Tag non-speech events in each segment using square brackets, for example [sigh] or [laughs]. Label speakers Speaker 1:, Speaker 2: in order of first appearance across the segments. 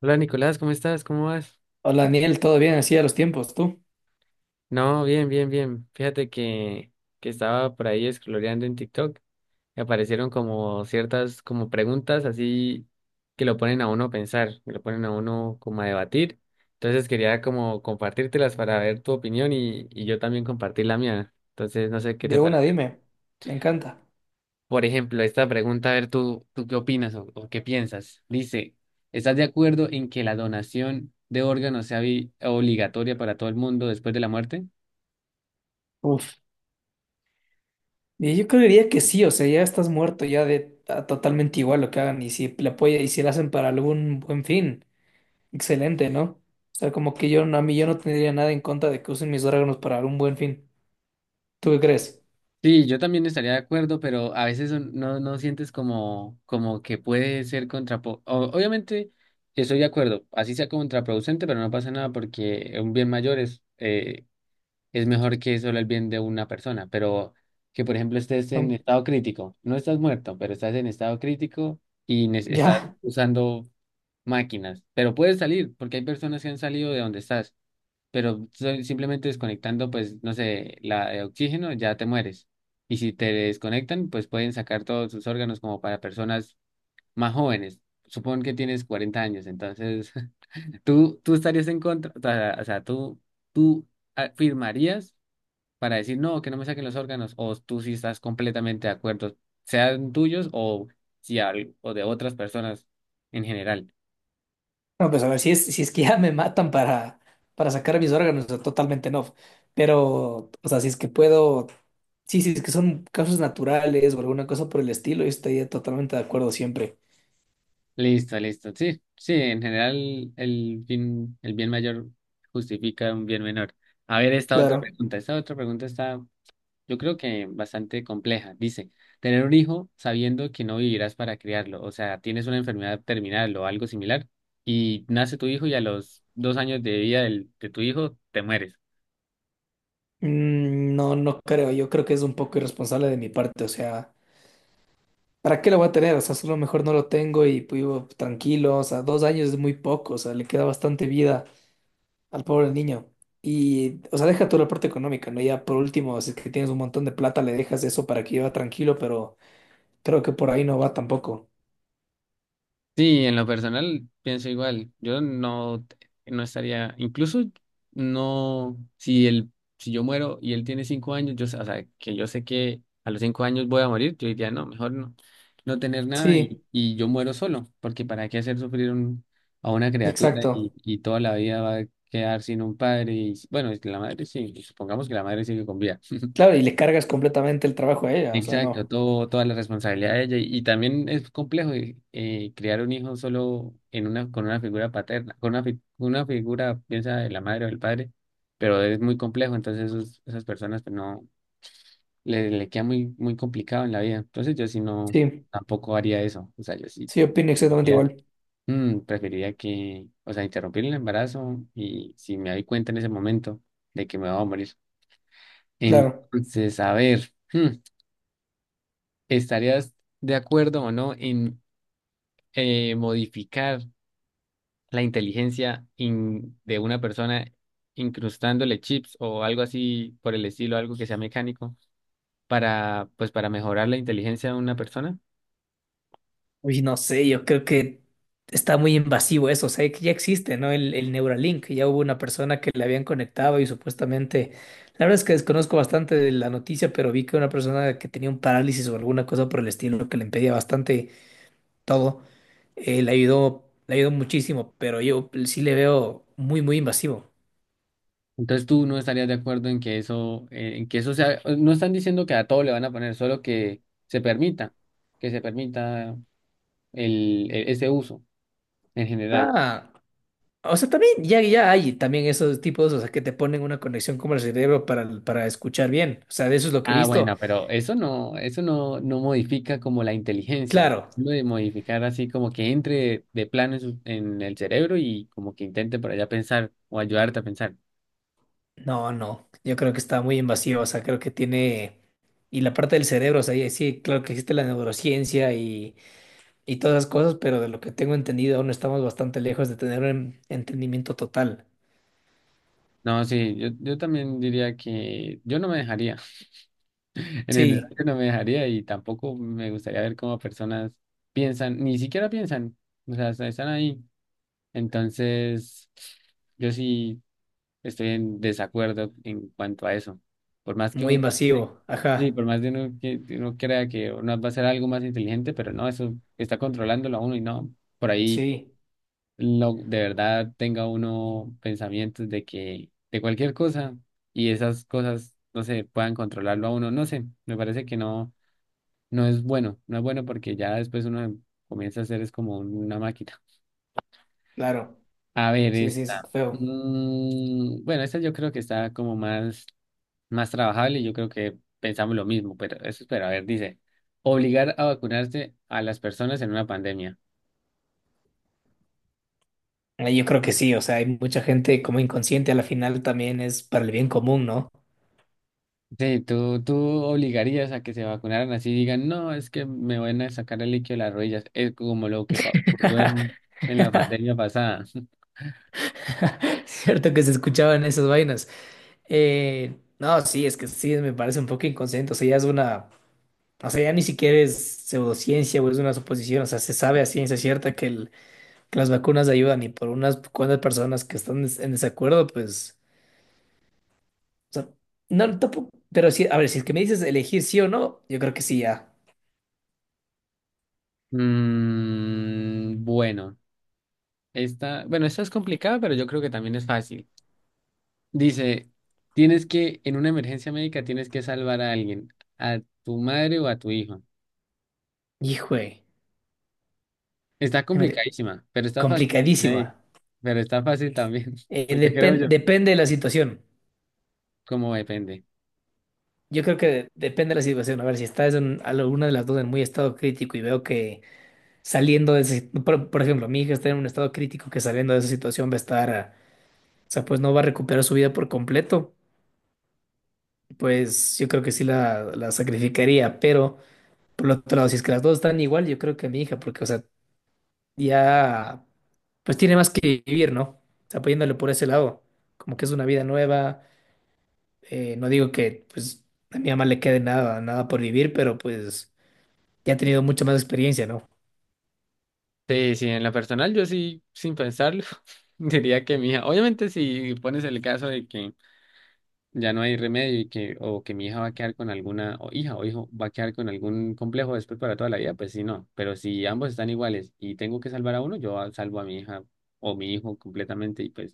Speaker 1: Hola Nicolás, ¿cómo estás? ¿Cómo vas?
Speaker 2: Hola, Daniel, ¿todo bien? Así a los tiempos, tú.
Speaker 1: No, bien, bien, bien. Fíjate que estaba por ahí scrolleando en TikTok y aparecieron como ciertas como preguntas así que lo ponen a uno a pensar, que lo ponen a uno como a debatir. Entonces quería como compartírtelas para ver tu opinión y yo también compartir la mía. Entonces no sé qué te
Speaker 2: De una,
Speaker 1: parece.
Speaker 2: dime. Me encanta.
Speaker 1: Por ejemplo, esta pregunta, a ver tú qué opinas o qué piensas. Dice, ¿estás de acuerdo en que la donación de órganos sea obligatoria para todo el mundo después de la muerte?
Speaker 2: Uf. Y yo creería que sí, o sea, ya estás muerto, ya totalmente igual lo que hagan. Y si le apoya y si lo hacen para algún buen fin, excelente, ¿no? O sea, como que yo no, a mí yo no tendría nada en contra de que usen mis órganos para algún buen fin. ¿Tú qué crees?
Speaker 1: Sí, yo también estaría de acuerdo, pero a veces no sientes como que puede ser obviamente estoy de acuerdo, así sea contraproducente, pero no pasa nada porque un bien mayor es mejor que solo el bien de una persona. Pero que, por ejemplo, estés en
Speaker 2: Mm.
Speaker 1: estado crítico, no estás muerto, pero estás en estado crítico y estás
Speaker 2: Ya.
Speaker 1: usando máquinas, pero puedes salir porque hay personas que han salido de donde estás, pero simplemente desconectando, pues, no sé, la de oxígeno, ya te mueres. Y si te desconectan, pues pueden sacar todos sus órganos como para personas más jóvenes. Supón que tienes 40 años. Entonces, [laughs] tú estarías en contra, o sea, tú firmarías para decir, no, que no me saquen los órganos, o tú sí estás completamente de acuerdo, sean tuyos, o si al- o de otras personas en general.
Speaker 2: No, pues a ver, si es que ya me matan para sacar mis órganos, o sea, totalmente no. Pero, o sea, si es que puedo, sí, si es que son casos naturales o alguna cosa por el estilo, yo estaría totalmente de acuerdo siempre.
Speaker 1: Listo, listo. Sí, sí, en general el bien mayor justifica un bien menor. A ver, esta otra
Speaker 2: Claro.
Speaker 1: pregunta. Esta otra pregunta está, yo creo, que bastante compleja. Dice, tener un hijo sabiendo que no vivirás para criarlo, o sea, tienes una enfermedad terminal o algo similar, y nace tu hijo y a los dos años de vida de tu hijo te mueres.
Speaker 2: Mm, no, no creo. Yo creo que es un poco irresponsable de mi parte. O sea, ¿para qué lo voy a tener? O sea, solo mejor no lo tengo y vivo tranquilo. O sea, 2 años es muy poco. O sea, le queda bastante vida al pobre niño. Y, o sea, deja toda la parte económica, ¿no? Ya por último, si es que tienes un montón de plata, le dejas eso para que lleva tranquilo, pero creo que por ahí no va tampoco.
Speaker 1: Sí, en lo personal pienso igual. Yo no estaría. Incluso no, si él, si yo muero y él tiene cinco años, o sea, que yo sé que a los cinco años voy a morir, yo diría, no, mejor no, no tener nada, y,
Speaker 2: Sí,
Speaker 1: y yo muero solo, porque para qué hacer sufrir a una criatura y,
Speaker 2: exacto.
Speaker 1: y toda la vida va a quedar sin un padre. Y, bueno, es que la madre sí, supongamos que la madre sigue con vida. [laughs]
Speaker 2: Claro, y le cargas completamente el trabajo a ella, o sea,
Speaker 1: Exacto,
Speaker 2: no.
Speaker 1: toda la responsabilidad de ella. Y también es complejo, criar un hijo solo en una, con una figura paterna, con una figura, piensa, de la madre o del padre, pero es muy complejo. Entonces esas personas, pues, no le queda muy, muy complicado en la vida. Entonces yo sí no,
Speaker 2: Sí,
Speaker 1: tampoco haría eso. O sea, yo sí
Speaker 2: sí, opino exactamente
Speaker 1: diría,
Speaker 2: igual.
Speaker 1: preferiría que, o sea, interrumpir el embarazo, y si me doy cuenta en ese momento de que me voy a morir.
Speaker 2: Claro.
Speaker 1: Entonces, a ver. ¿Estarías de acuerdo o no en, modificar la inteligencia de una persona incrustándole chips o algo así por el estilo, algo que sea mecánico, para, mejorar la inteligencia de una persona?
Speaker 2: Uy, no sé, yo creo que está muy invasivo eso, o sea, que ya existe, ¿no? El Neuralink, ya hubo una persona que le habían conectado y supuestamente, la verdad es que desconozco bastante de la noticia, pero vi que una persona que tenía un parálisis o alguna cosa por el estilo que le impedía bastante todo, le ayudó muchísimo, pero yo sí le veo muy, muy invasivo.
Speaker 1: Entonces tú no estarías de acuerdo en que eso sea, no están diciendo que a todo le van a poner, solo que se permita, que se permita, ese uso en general.
Speaker 2: Ah, o sea, también ya, hay también esos tipos, o sea, que te ponen una conexión como el cerebro para escuchar bien, o sea, de eso es lo que he
Speaker 1: Ah,
Speaker 2: visto.
Speaker 1: bueno, pero eso no modifica como la inteligencia.
Speaker 2: Claro,
Speaker 1: Lo de modificar así como que entre de plano en el cerebro y como que intente por allá pensar o ayudarte a pensar.
Speaker 2: no, no, yo creo que está muy invasivo, o sea, creo que tiene, y la parte del cerebro, o sea, y sí, claro que existe la neurociencia y todas esas cosas, pero de lo que tengo entendido aún estamos bastante lejos de tener un entendimiento total.
Speaker 1: No, sí, yo también diría que yo no me dejaría. [laughs] En general,
Speaker 2: Sí,
Speaker 1: yo no me dejaría y tampoco me gustaría ver cómo personas piensan, ni siquiera piensan, o sea, hasta están ahí. Entonces, yo sí. Estoy en desacuerdo en cuanto a eso. Por más que
Speaker 2: muy
Speaker 1: uno, sí,
Speaker 2: invasivo,
Speaker 1: sí,
Speaker 2: ajá,
Speaker 1: por más de uno que uno crea que uno va a ser algo más inteligente, pero no, eso está controlándolo a uno y no, por ahí
Speaker 2: sí,
Speaker 1: lo, de verdad tenga uno pensamientos de cualquier cosa, y esas cosas, no sé, puedan controlarlo a uno, no sé, me parece que no es bueno, no es bueno, porque ya después uno comienza a ser es como una máquina.
Speaker 2: claro,
Speaker 1: A ver
Speaker 2: sí, sí, es
Speaker 1: esta.
Speaker 2: feo.
Speaker 1: Bueno, esta yo creo que está como más trabajable y yo creo que pensamos lo mismo, pero eso espera, a ver, dice, obligar a vacunarse a las personas en una pandemia.
Speaker 2: Yo creo que sí, o sea, hay mucha gente como inconsciente, a la final también es para el bien común, ¿no?
Speaker 1: Sí, tú obligarías a que se vacunaran, así digan, no, es que me van a sacar el líquido de las rodillas. Es como lo que ocurrió en, la pandemia pasada. [laughs]
Speaker 2: [laughs] Cierto que se escuchaban esas vainas. No, sí, es que sí, me parece un poco inconsciente, o sea, ya es una. O sea, ya ni siquiera es pseudociencia o es una suposición. O sea, se sabe a ciencia cierta que, que las vacunas ayudan y por unas cuantas personas que están en desacuerdo, pues. O sea, no, tampoco. Pero sí, a ver, si es que me dices elegir sí o no, yo creo que sí ya.
Speaker 1: Bueno, esta es complicada, pero yo creo que también es fácil. Dice, tienes que, en una emergencia médica, tienes que salvar a alguien, a tu madre o a tu hijo.
Speaker 2: Hijo,
Speaker 1: Está complicadísima, pero está fácil también
Speaker 2: complicadísima.
Speaker 1: ahí. Pero está fácil también. [laughs]
Speaker 2: Eh,
Speaker 1: Pues yo creo
Speaker 2: depen-
Speaker 1: yo,
Speaker 2: depende de la situación.
Speaker 1: como depende.
Speaker 2: Yo creo que depende de la situación. A ver, si estás en alguna de las dos en muy estado crítico y veo que saliendo de ese. Por ejemplo, mi hija está en un estado crítico que saliendo de esa situación va a estar. O sea, pues no va a recuperar su vida por completo. Pues yo creo que sí la sacrificaría, pero por el otro lado, si es que las dos están igual, yo creo que mi hija, porque, o sea, ya, pues tiene más que vivir, ¿no? O sea, apoyándole por ese lado, como que es una vida nueva. No digo que, pues, a mi mamá le quede nada, nada por vivir, pero pues ya ha tenido mucha más experiencia, ¿no?
Speaker 1: Sí, sí, en lo personal yo sí, sin pensarlo, [laughs] diría que mi hija, obviamente si pones el caso de que ya no hay remedio y que, o que mi hija va a quedar con o hija o hijo va a quedar con algún complejo después para toda la vida, pues sí, no. Pero si ambos están iguales y tengo que salvar a uno, yo salvo a mi hija o mi hijo completamente, y pues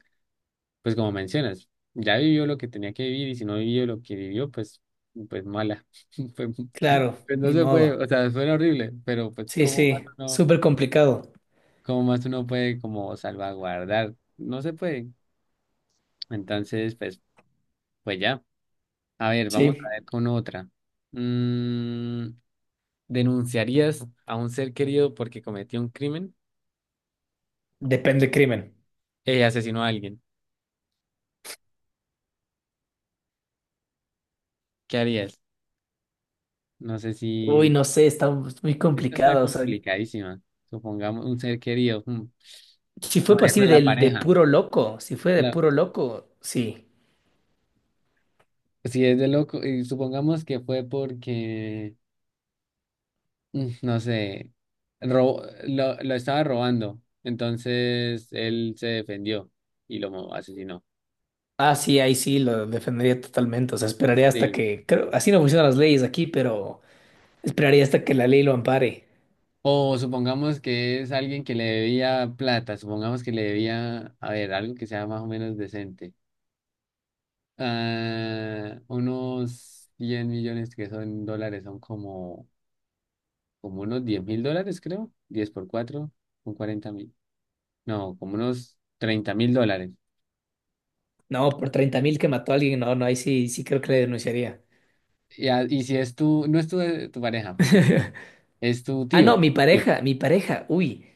Speaker 1: pues como mencionas, ya vivió lo que tenía que vivir, y si no vivió lo que vivió, pues mala. [laughs] Pues,
Speaker 2: Claro,
Speaker 1: pues no
Speaker 2: ni
Speaker 1: se puede, o
Speaker 2: modo.
Speaker 1: sea, suena horrible, pero pues
Speaker 2: Sí,
Speaker 1: cómo más
Speaker 2: sí,
Speaker 1: uno,
Speaker 2: súper complicado.
Speaker 1: cómo más uno puede como salvaguardar, no se puede. Entonces, pues ya. A ver, vamos a
Speaker 2: Sí,
Speaker 1: ver con otra. Mm, ¿Denunciarías a un ser querido porque cometió un crimen?
Speaker 2: depende del crimen.
Speaker 1: Asesinó a alguien. ¿Qué harías? No sé si...
Speaker 2: Uy, no sé, está muy
Speaker 1: Esta está
Speaker 2: complicado. O sea,
Speaker 1: complicadísima. Supongamos un ser querido,
Speaker 2: si fue
Speaker 1: por ejemplo,
Speaker 2: posible
Speaker 1: la
Speaker 2: de
Speaker 1: pareja.
Speaker 2: puro loco, si fue de
Speaker 1: Claro,
Speaker 2: puro loco, sí.
Speaker 1: si es de loco, y supongamos que fue porque, no sé, ro- lo estaba robando, entonces él se defendió y lo asesinó.
Speaker 2: Ah, sí, ahí sí lo defendería totalmente. O sea, esperaría hasta
Speaker 1: Sí.
Speaker 2: que, creo, así no funcionan las leyes aquí, pero esperaría hasta que la ley lo ampare.
Speaker 1: O supongamos que es alguien que le debía plata, supongamos que le debía, a ver, algo que sea más o menos decente. Ah, unos 100 millones, que son dólares, son como unos 10 mil dólares, creo, 10 por 4 son 40 mil, no, como unos 30 mil dólares.
Speaker 2: No, por 30.000 que mató a alguien, no, no, ahí sí, sí creo que le denunciaría.
Speaker 1: Y si no es tu pareja, porque
Speaker 2: [laughs]
Speaker 1: es tu
Speaker 2: Ah, no,
Speaker 1: tío, tío.
Speaker 2: mi pareja, uy.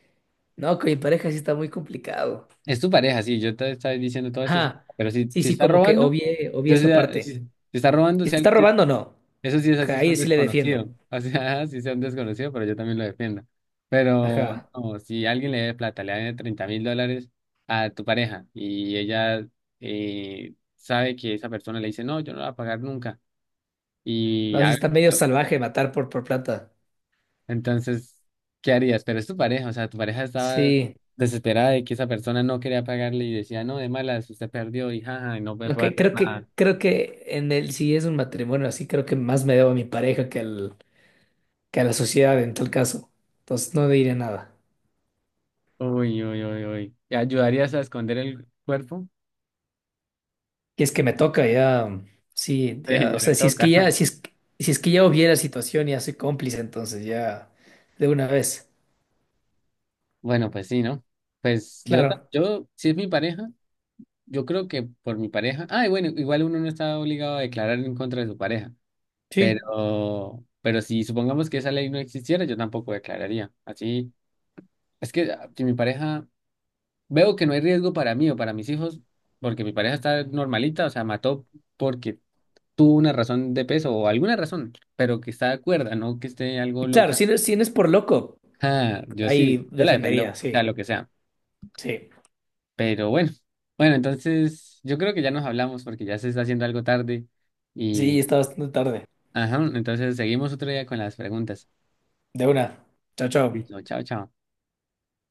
Speaker 2: No, con mi pareja sí está muy complicado.
Speaker 1: Es tu pareja, sí, yo te estaba diciendo todo eso,
Speaker 2: Ajá.
Speaker 1: pero si,
Speaker 2: Sí,
Speaker 1: si
Speaker 2: sí,
Speaker 1: está
Speaker 2: como que
Speaker 1: robando,
Speaker 2: obvié
Speaker 1: yo
Speaker 2: esa
Speaker 1: sea, si,
Speaker 2: parte.
Speaker 1: si está robando,
Speaker 2: Si está robando, no.
Speaker 1: eso sí es
Speaker 2: Ajá,
Speaker 1: así, sea
Speaker 2: ahí
Speaker 1: un
Speaker 2: sí le defiendo.
Speaker 1: desconocido, o sea, [laughs] si sea un desconocido, pero yo también lo defiendo. Pero
Speaker 2: Ajá.
Speaker 1: no, si alguien le debe plata, le debe 30 mil dólares a tu pareja y ella, sabe que esa persona le dice, no, yo no la voy a pagar nunca, y,
Speaker 2: No, si
Speaker 1: ha-
Speaker 2: está medio salvaje matar por, plata.
Speaker 1: entonces, ¿qué harías? Pero es tu pareja, o sea, tu pareja estaba
Speaker 2: Sí,
Speaker 1: desesperada de que esa persona no quería pagarle y decía, no, de malas, usted perdió y jaja, y no me puede
Speaker 2: aunque
Speaker 1: hacer
Speaker 2: creo que
Speaker 1: nada.
Speaker 2: creo que en el si es un matrimonio así, creo que más me debo a mi pareja que al que a la sociedad en tal caso. Entonces no diré nada.
Speaker 1: Uy, uy, uy, uy. ¿Ayudarías a esconder el cuerpo? [laughs]
Speaker 2: Y es que me toca ya, sí,
Speaker 1: Sí,
Speaker 2: ya, o
Speaker 1: ya
Speaker 2: sea,
Speaker 1: le toca.
Speaker 2: si es que ya hubiera situación, ya soy cómplice, entonces ya de una vez.
Speaker 1: Bueno, pues sí, ¿no? Pues yo, ta-
Speaker 2: Claro,
Speaker 1: yo, si es mi pareja, yo creo que por mi pareja. Ay, bueno, igual uno no está obligado a declarar en contra de su pareja,
Speaker 2: sí.
Speaker 1: pero si supongamos que esa ley no existiera, yo tampoco declararía. Así, es que si mi pareja, veo que no hay riesgo para mí o para mis hijos, porque mi pareja está normalita, o sea, mató porque tuvo una razón de peso o alguna razón, pero que está de acuerdo, no que esté algo
Speaker 2: Y claro,
Speaker 1: loca.
Speaker 2: si no es por loco,
Speaker 1: Ah, yo sí,
Speaker 2: ahí
Speaker 1: yo la defiendo
Speaker 2: defendería,
Speaker 1: sea
Speaker 2: sí,
Speaker 1: lo que sea.
Speaker 2: sí.
Speaker 1: Pero bueno, entonces yo creo que ya nos hablamos porque ya se está haciendo algo tarde
Speaker 2: Sí,
Speaker 1: y,
Speaker 2: está bastante tarde.
Speaker 1: ajá, entonces seguimos otro día con las preguntas.
Speaker 2: De una. Chao,
Speaker 1: Listo,
Speaker 2: chao.
Speaker 1: chao, chao.